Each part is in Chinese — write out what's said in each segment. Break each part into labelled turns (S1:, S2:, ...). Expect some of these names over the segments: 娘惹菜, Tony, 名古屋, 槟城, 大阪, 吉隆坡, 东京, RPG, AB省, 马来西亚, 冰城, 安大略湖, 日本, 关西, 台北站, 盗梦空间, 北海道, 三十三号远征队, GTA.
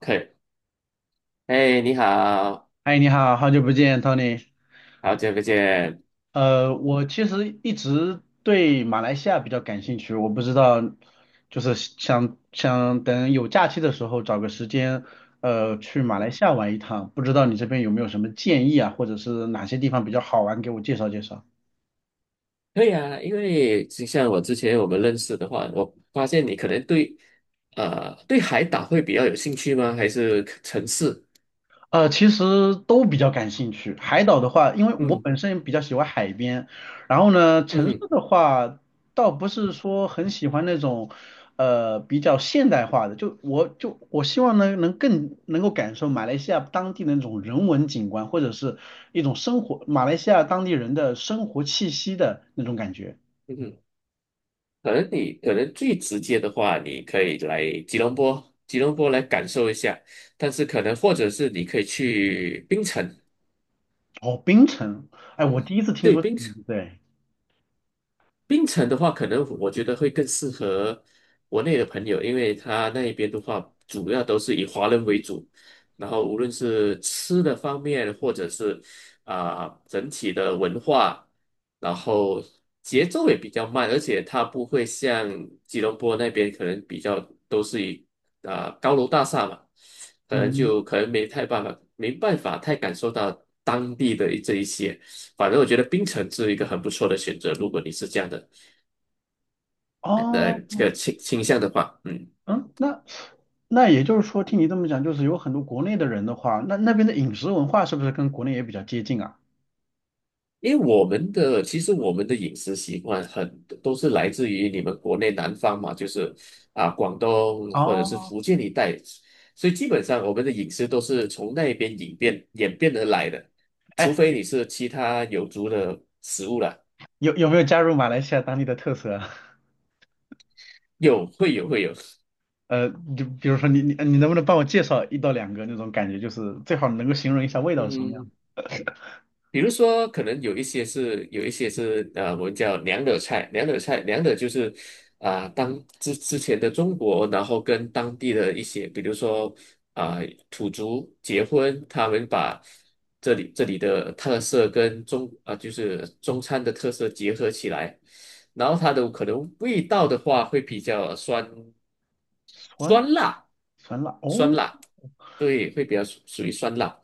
S1: 可以。哎，你好，
S2: 嗨，你好，好久不见，Tony。
S1: 好久不见。
S2: 我其实一直对马来西亚比较感兴趣，我不知道，就是想想等有假期的时候找个时间，去马来
S1: 嗯，
S2: 西亚玩一趟。不知道你这边有没有什么建议啊，或者是哪些地方比较好玩，给我介绍介绍。
S1: 可以啊，因为就像我之前我们认识的话，我发现你可能对海岛会比较有兴趣吗？还是城市？
S2: 其实都比较感兴趣。海岛的话，因为我
S1: 嗯。
S2: 本身比较喜欢海边，然后呢，
S1: 嗯。
S2: 城市
S1: 嗯。
S2: 的话，倒不是说很喜欢那种，比较现代化的。就我希望呢，能更能够感受马来西亚当地的那种人文景观，或者是一种生活，马来西亚当地人的生活气息的那种感觉。
S1: 嗯哼。可能你可能最直接的话，你可以来吉隆坡，吉隆坡来感受一下，但是可能或者是你可以去槟城。
S2: 哦，槟城，哎，我第一次听
S1: 对，
S2: 说，
S1: 槟
S2: 对，
S1: 槟城的话，可能我觉得会更适合国内的朋友，因为他那边的话，主要都是以华人为主，然后无论是吃的方面，或者是整体的文化，然后节奏也比较慢，而且它不会像吉隆坡那边可能比较都是以高楼大厦嘛，可能
S2: 嗯，
S1: 就可能没太办法，没办法太感受到当地的这一些。反正我觉得槟城是一个很不错的选择，如果你是这样的呃这
S2: 哦。
S1: 个倾倾向的话。嗯，
S2: 嗯，那那也就是说，听你这么讲，就是有很多国内的人的话，那那边的饮食文化是不是跟国内也比较接近啊？
S1: 因为我们的其实我们的饮食习惯很都是来自于你们国内南方嘛，就是广东或者是
S2: 哦，
S1: 福建一带，所以基本上我们的饮食都是从那边演变演变而来的，除
S2: 哎，
S1: 非你是其他有族的食物了。
S2: 有没有加入马来西亚当地的特色啊
S1: 有会有会有，
S2: 呃，就比如说你能不能帮我介绍一到两个那种感觉，就是最好能够形容一下味道是什么
S1: 嗯，
S2: 样？
S1: 比如说，可能有一些是有一些是呃，我们叫娘惹菜，娘惹菜，娘惹就是之前的中国，然后跟当地的一些，比如说啊、土族结婚，他们把这里的特色跟中啊、就是中餐的特色结合起来，然后它的可能味道的话会比较酸。
S2: 酸
S1: 酸辣，
S2: 酸辣
S1: 酸
S2: 哦，
S1: 辣，对，会比较属于酸辣。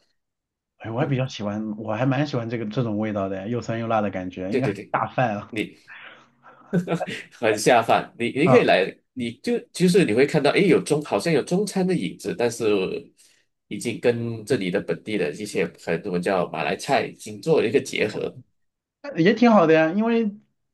S2: 哎，我还比
S1: 嗯，
S2: 较喜欢，我还蛮喜欢这个这种味道的，又酸又辣的感觉，应
S1: 对
S2: 该
S1: 对
S2: 很
S1: 对。
S2: 下饭啊
S1: 你很下饭。你可以
S2: 啊。
S1: 来，你就其实你会看到，诶，好像有中餐的影子，但是已经跟这里的本地的一些很能我们叫马来菜已经做了一个结合。
S2: 也挺好的呀，因为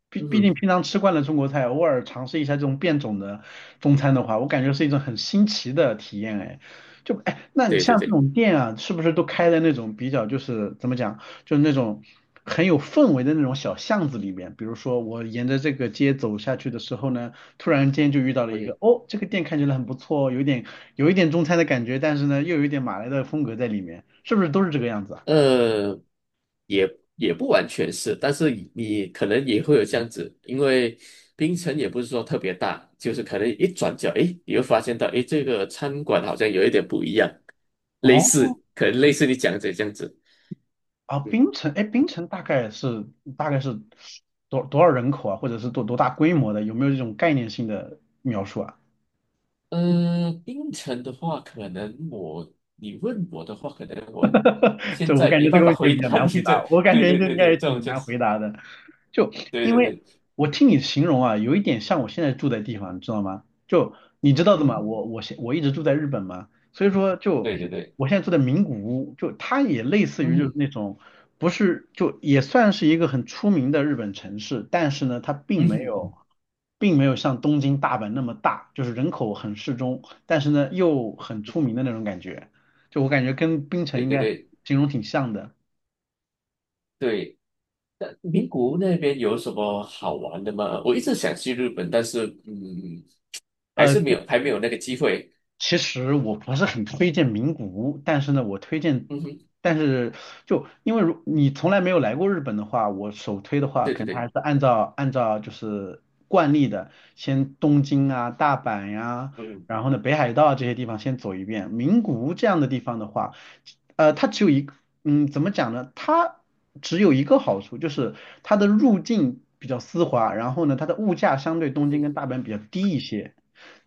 S2: 毕
S1: 嗯
S2: 毕竟
S1: 哼。
S2: 平常吃惯了中国菜，偶尔尝试一下这种变种的中餐的话，我感觉是一种很新奇的体验哎。就哎，那你
S1: 对对
S2: 像这
S1: 对
S2: 种店啊，是不是都开在那种比较就是怎么讲，就是那种很有氛围的那种小巷子里面？比如说我沿着这个街走下去的时候呢，突然间就遇到了一个，
S1: ，OK。
S2: 哦，这个店看起来很不错哦，有一点中餐的感觉，但是呢又有一点马来的风格在里面，是不是都是这个样子啊？
S1: 呃，也也不完全是，但是你可能也会有这样子，因为槟城也不是说特别大，就是可能一转角，诶，你会发现到，诶，这个餐馆好像有一点不一样，类
S2: 哦。
S1: 似，可能类似你讲的这样子。
S2: 啊，冰城，哎，冰城大概是多少人口啊，或者是多大规模的？有没有这种概念性的描述啊？
S1: 槟城的话，可能我你问我的话，可能我 现
S2: 这我
S1: 在
S2: 感
S1: 没
S2: 觉这
S1: 办
S2: 个
S1: 法
S2: 问题也
S1: 回
S2: 比较
S1: 答你
S2: 难回答，
S1: 这，
S2: 我感
S1: 对
S2: 觉
S1: 对
S2: 应
S1: 对
S2: 该也
S1: 对，这种
S2: 挺
S1: 就
S2: 难
S1: 是。
S2: 回答的。就
S1: 对
S2: 因
S1: 对
S2: 为
S1: 对。
S2: 我听你形容啊，有一点像我现在住的地方，你知道吗？就你知道的
S1: 嗯
S2: 嘛，
S1: 哼。
S2: 我一直住在日本嘛，所以说就
S1: 对对对。
S2: 我现在住在名古屋，就它也类似
S1: 嗯
S2: 于就是
S1: 哼。
S2: 那种不是就也算是一个很出名的日本城市，但是呢，它并
S1: 嗯
S2: 没有
S1: 哼。
S2: 并没有像东京、大阪那么大，就是人口很适中，但是呢又很出名的那种感觉。就我感觉跟冰城
S1: 对
S2: 应
S1: 对
S2: 该
S1: 对
S2: 形容挺像的。
S1: 对。那名古屋那边有什么好玩的吗？我一直想去日本，但是
S2: 呃，
S1: 还没有那个机会。
S2: 其实我不是很推荐名古屋，但是呢，我推荐，
S1: 嗯哼。
S2: 但是就因为如你从来没有来过日本的话，我首推的话，
S1: 对
S2: 可
S1: 对
S2: 能还
S1: 对。
S2: 是按照就是惯例的，先东京啊、大阪呀、
S1: 嗯。
S2: 然后呢北海道这些地方先走一遍。名古屋这样的地方的话，它只有一个，嗯，怎么讲呢？它只有一个好处，就是它的入境比较丝滑，然后呢，它的物价相对
S1: 嗯
S2: 东京跟
S1: 哼。
S2: 大阪比较低一些。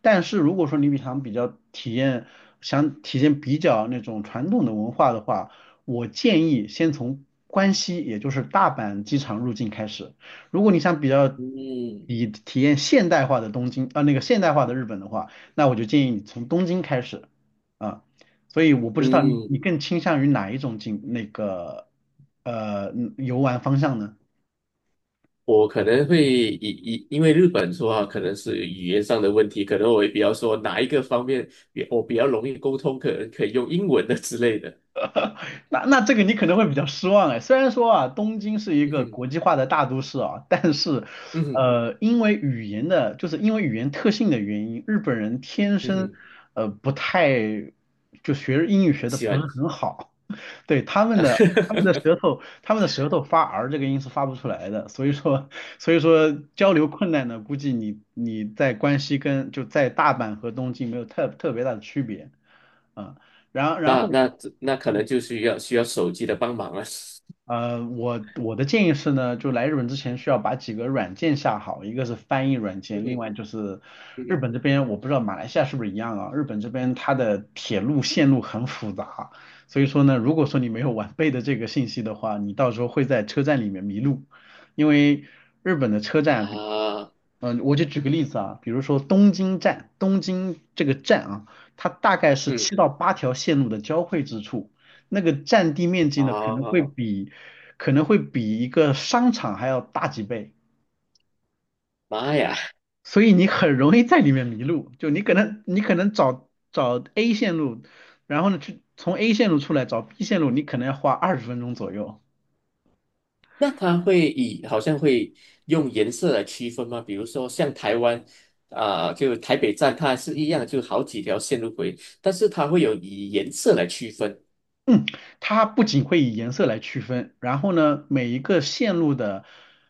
S2: 但是如果说你比较体验，想体验比较那种传统的文化的话，我建议先从关西，也就是大阪机场入境开始。如果你想比较
S1: 嗯。
S2: 以体验现代化的东京，那个现代化的日本的话，那我就建议你从东京开始啊。所以我不知道你
S1: 嗯。
S2: 你更倾向于哪一种景那个游玩方向呢？
S1: 我可能会因为日本说话可能是语言上的问题，可能我也比较说哪一个方面比我比较容易沟通，可能可以用英文的之类的。
S2: 那那这个你可能会比较失望哎，虽然说啊，东京是一
S1: 嗯
S2: 个
S1: 哼。
S2: 国际化的大都市啊，但是，
S1: 嗯哼。
S2: 因为语言的，就是因为语言特性的原因，日本人天
S1: 嗯
S2: 生，
S1: 哼。
S2: 不太，就学英语学的
S1: 希
S2: 不是
S1: 望
S2: 很好，对，
S1: 啊。
S2: 他们的舌头发 R 这个音是发不出来的，所以说交流困难呢，估计你在关西跟就在大阪和东京没有特别大的区别啊，然后。
S1: 那那那可能就需要手机的帮忙了。
S2: 我的建议是呢，就来日本之前需要把几个软件下好，一个是翻译软
S1: 嗯
S2: 件，
S1: 哼。
S2: 另外就是
S1: 嗯
S2: 日
S1: 哼。
S2: 本这边我不知道马来西亚是不是一样啊，日本这边它的铁路线路很复杂，所以说呢，如果说你没有完备的这个信息的话，你到时候会在车站里面迷路，因为日本的车站，
S1: 啊。
S2: 我就举个例子啊，比如说东京站，东京这个站啊，它大概是七
S1: 嗯。
S2: 到八条线路的交汇之处。那个占地面积呢，可能会
S1: 啊。
S2: 比可能会比一个商场还要大几倍，
S1: 妈呀！
S2: 所以你很容易在里面迷路。就你可能找找 A 线路，然后呢去从 A 线路出来找 B 线路，你可能要花20分钟左右。
S1: 那它好像会用颜色来区分吗？比如说像台湾就台北站，它是一样，就好几条线路轨，但是它会有以颜色来区分。
S2: 嗯，它不仅会以颜色来区分，然后呢，每一个线路的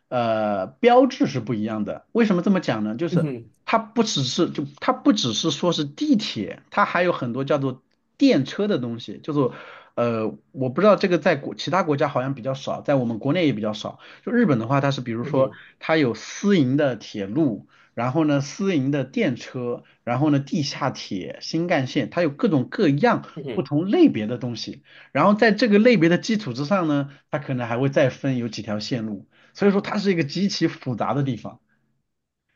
S2: 标志是不一样的。为什么这么讲呢？就
S1: 嗯
S2: 是
S1: 哼。
S2: 它不只是说是地铁，它还有很多叫做电车的东西，叫做我不知道这个在其他国家好像比较少，在我们国内也比较少。就日本的话，它是比如
S1: 嗯
S2: 说
S1: 哼。
S2: 它有私营的铁路，然后呢私营的电车，然后呢地下铁、新干线，它有各种各样
S1: 嗯
S2: 不
S1: 哼。
S2: 同类别的东西。然后在这个类别的基础之上呢，它可能还会再分有几条线路，所以说它是一个极其复杂的地方。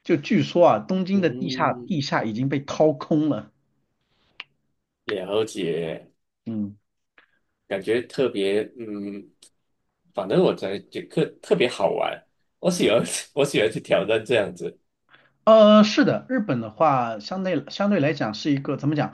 S2: 就据说啊，东京的地下
S1: 嗯。
S2: 地下已经被掏空了，
S1: 了解。
S2: 嗯。
S1: 感觉特别。嗯，反正我在觉得特别好玩，我喜欢。我喜欢去挑战这样子。
S2: 是的，日本的话，相对来讲是一个怎么讲？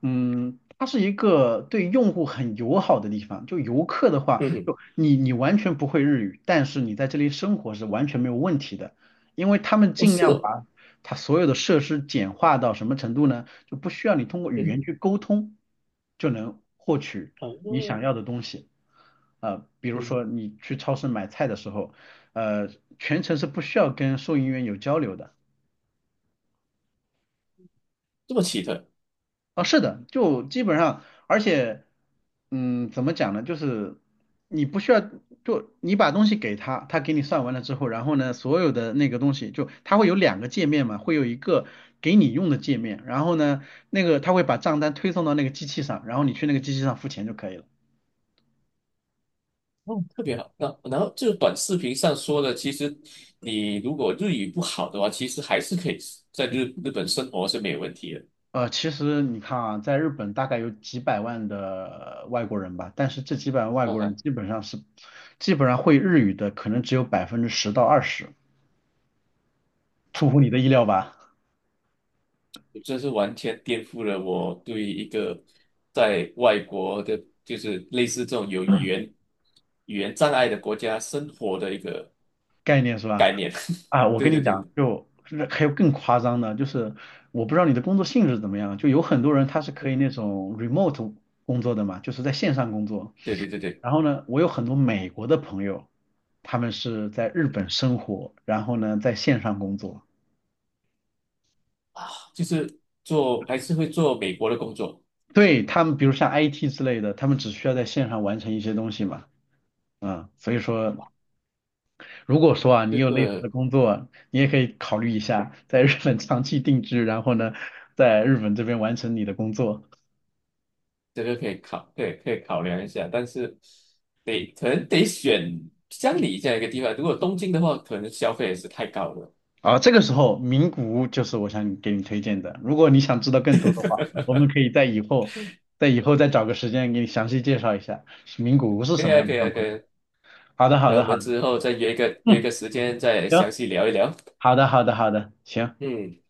S2: 嗯，它是一个对用户很友好的地方。就游客的话，
S1: 嗯哼。
S2: 就你完全不会日语，但是你在这里生活是完全没有问题的，因为他们
S1: 哦，
S2: 尽
S1: 是
S2: 量
S1: 哦。
S2: 把它所有的设施简化到什么程度呢？就不需要你通过语言
S1: 嗯。
S2: 去沟通就能获取
S1: 啊。
S2: 你想要的东西。比如说
S1: 嗯。
S2: 你去超市买菜的时候，呃，全程是不需要跟收银员有交流的。
S1: 这么奇特。
S2: 啊，是的，就基本上，而且，嗯，怎么讲呢？就是你不需要，就你把东西给他，他给你算完了之后，然后呢，所有的那个东西，就他会有两个界面嘛，会有一个给你用的界面，然后呢，那个他会把账单推送到那个机器上，然后你去那个机器上付钱就可以了。
S1: 哦，特别好。那然后这个短视频上说的，其实你如果日语不好的话，其实还是可以在日本生活是没有问题的。
S2: 其实你看啊，在日本大概有几百万的外国人吧，但是这几百万外
S1: 哈
S2: 国人
S1: 哈。
S2: 基本上会日语的可能只有10%到20%，出乎你的意料吧？
S1: 这是完全颠覆了我对一个在外国的，就是类似这种有语言障碍的国家生活的一个
S2: 概念是吧？
S1: 概念。
S2: 啊，我
S1: 对
S2: 跟你
S1: 对对
S2: 讲，就是还有更夸张的，就是我不知道你的工作性质怎么样，就有很多人他是可以那种 remote 工作的嘛，就是在线上工作。
S1: 对对对对。
S2: 然后呢，我有很多美国的朋友，他们是在日本生活，然后呢在线上工作。
S1: 啊，就是做还是会做美国的工作。
S2: 对，他们比如像 IT 之类的，他们只需要在线上完成一些东西嘛，嗯，所以说如果说啊，你
S1: 这
S2: 有类似的
S1: 个
S2: 工作，你也可以考虑一下在日本长期定居，然后呢，在日本这边完成你的工作。
S1: 这个可以考，对，可以考量一下，但是可能得选乡里这样一个地方。如果东京的话，可能消费也是太高了。
S2: 啊，这个时候名古屋就是我想给你推荐的。如果你想知道更多的话，我们可以在以后，在以后再找个时间给你详细介绍一下名古屋是
S1: 可
S2: 什
S1: 以
S2: 么
S1: 啊，
S2: 样的
S1: 可以
S2: 状
S1: 啊，可
S2: 况。
S1: 以啊。
S2: 好的，好
S1: 那我
S2: 的，好
S1: 们
S2: 的，
S1: 之后再约一个约一
S2: 嗯，
S1: 个时间，再
S2: 行，
S1: 详细聊一聊。
S2: 好的，好的，好的，行。
S1: 嗯。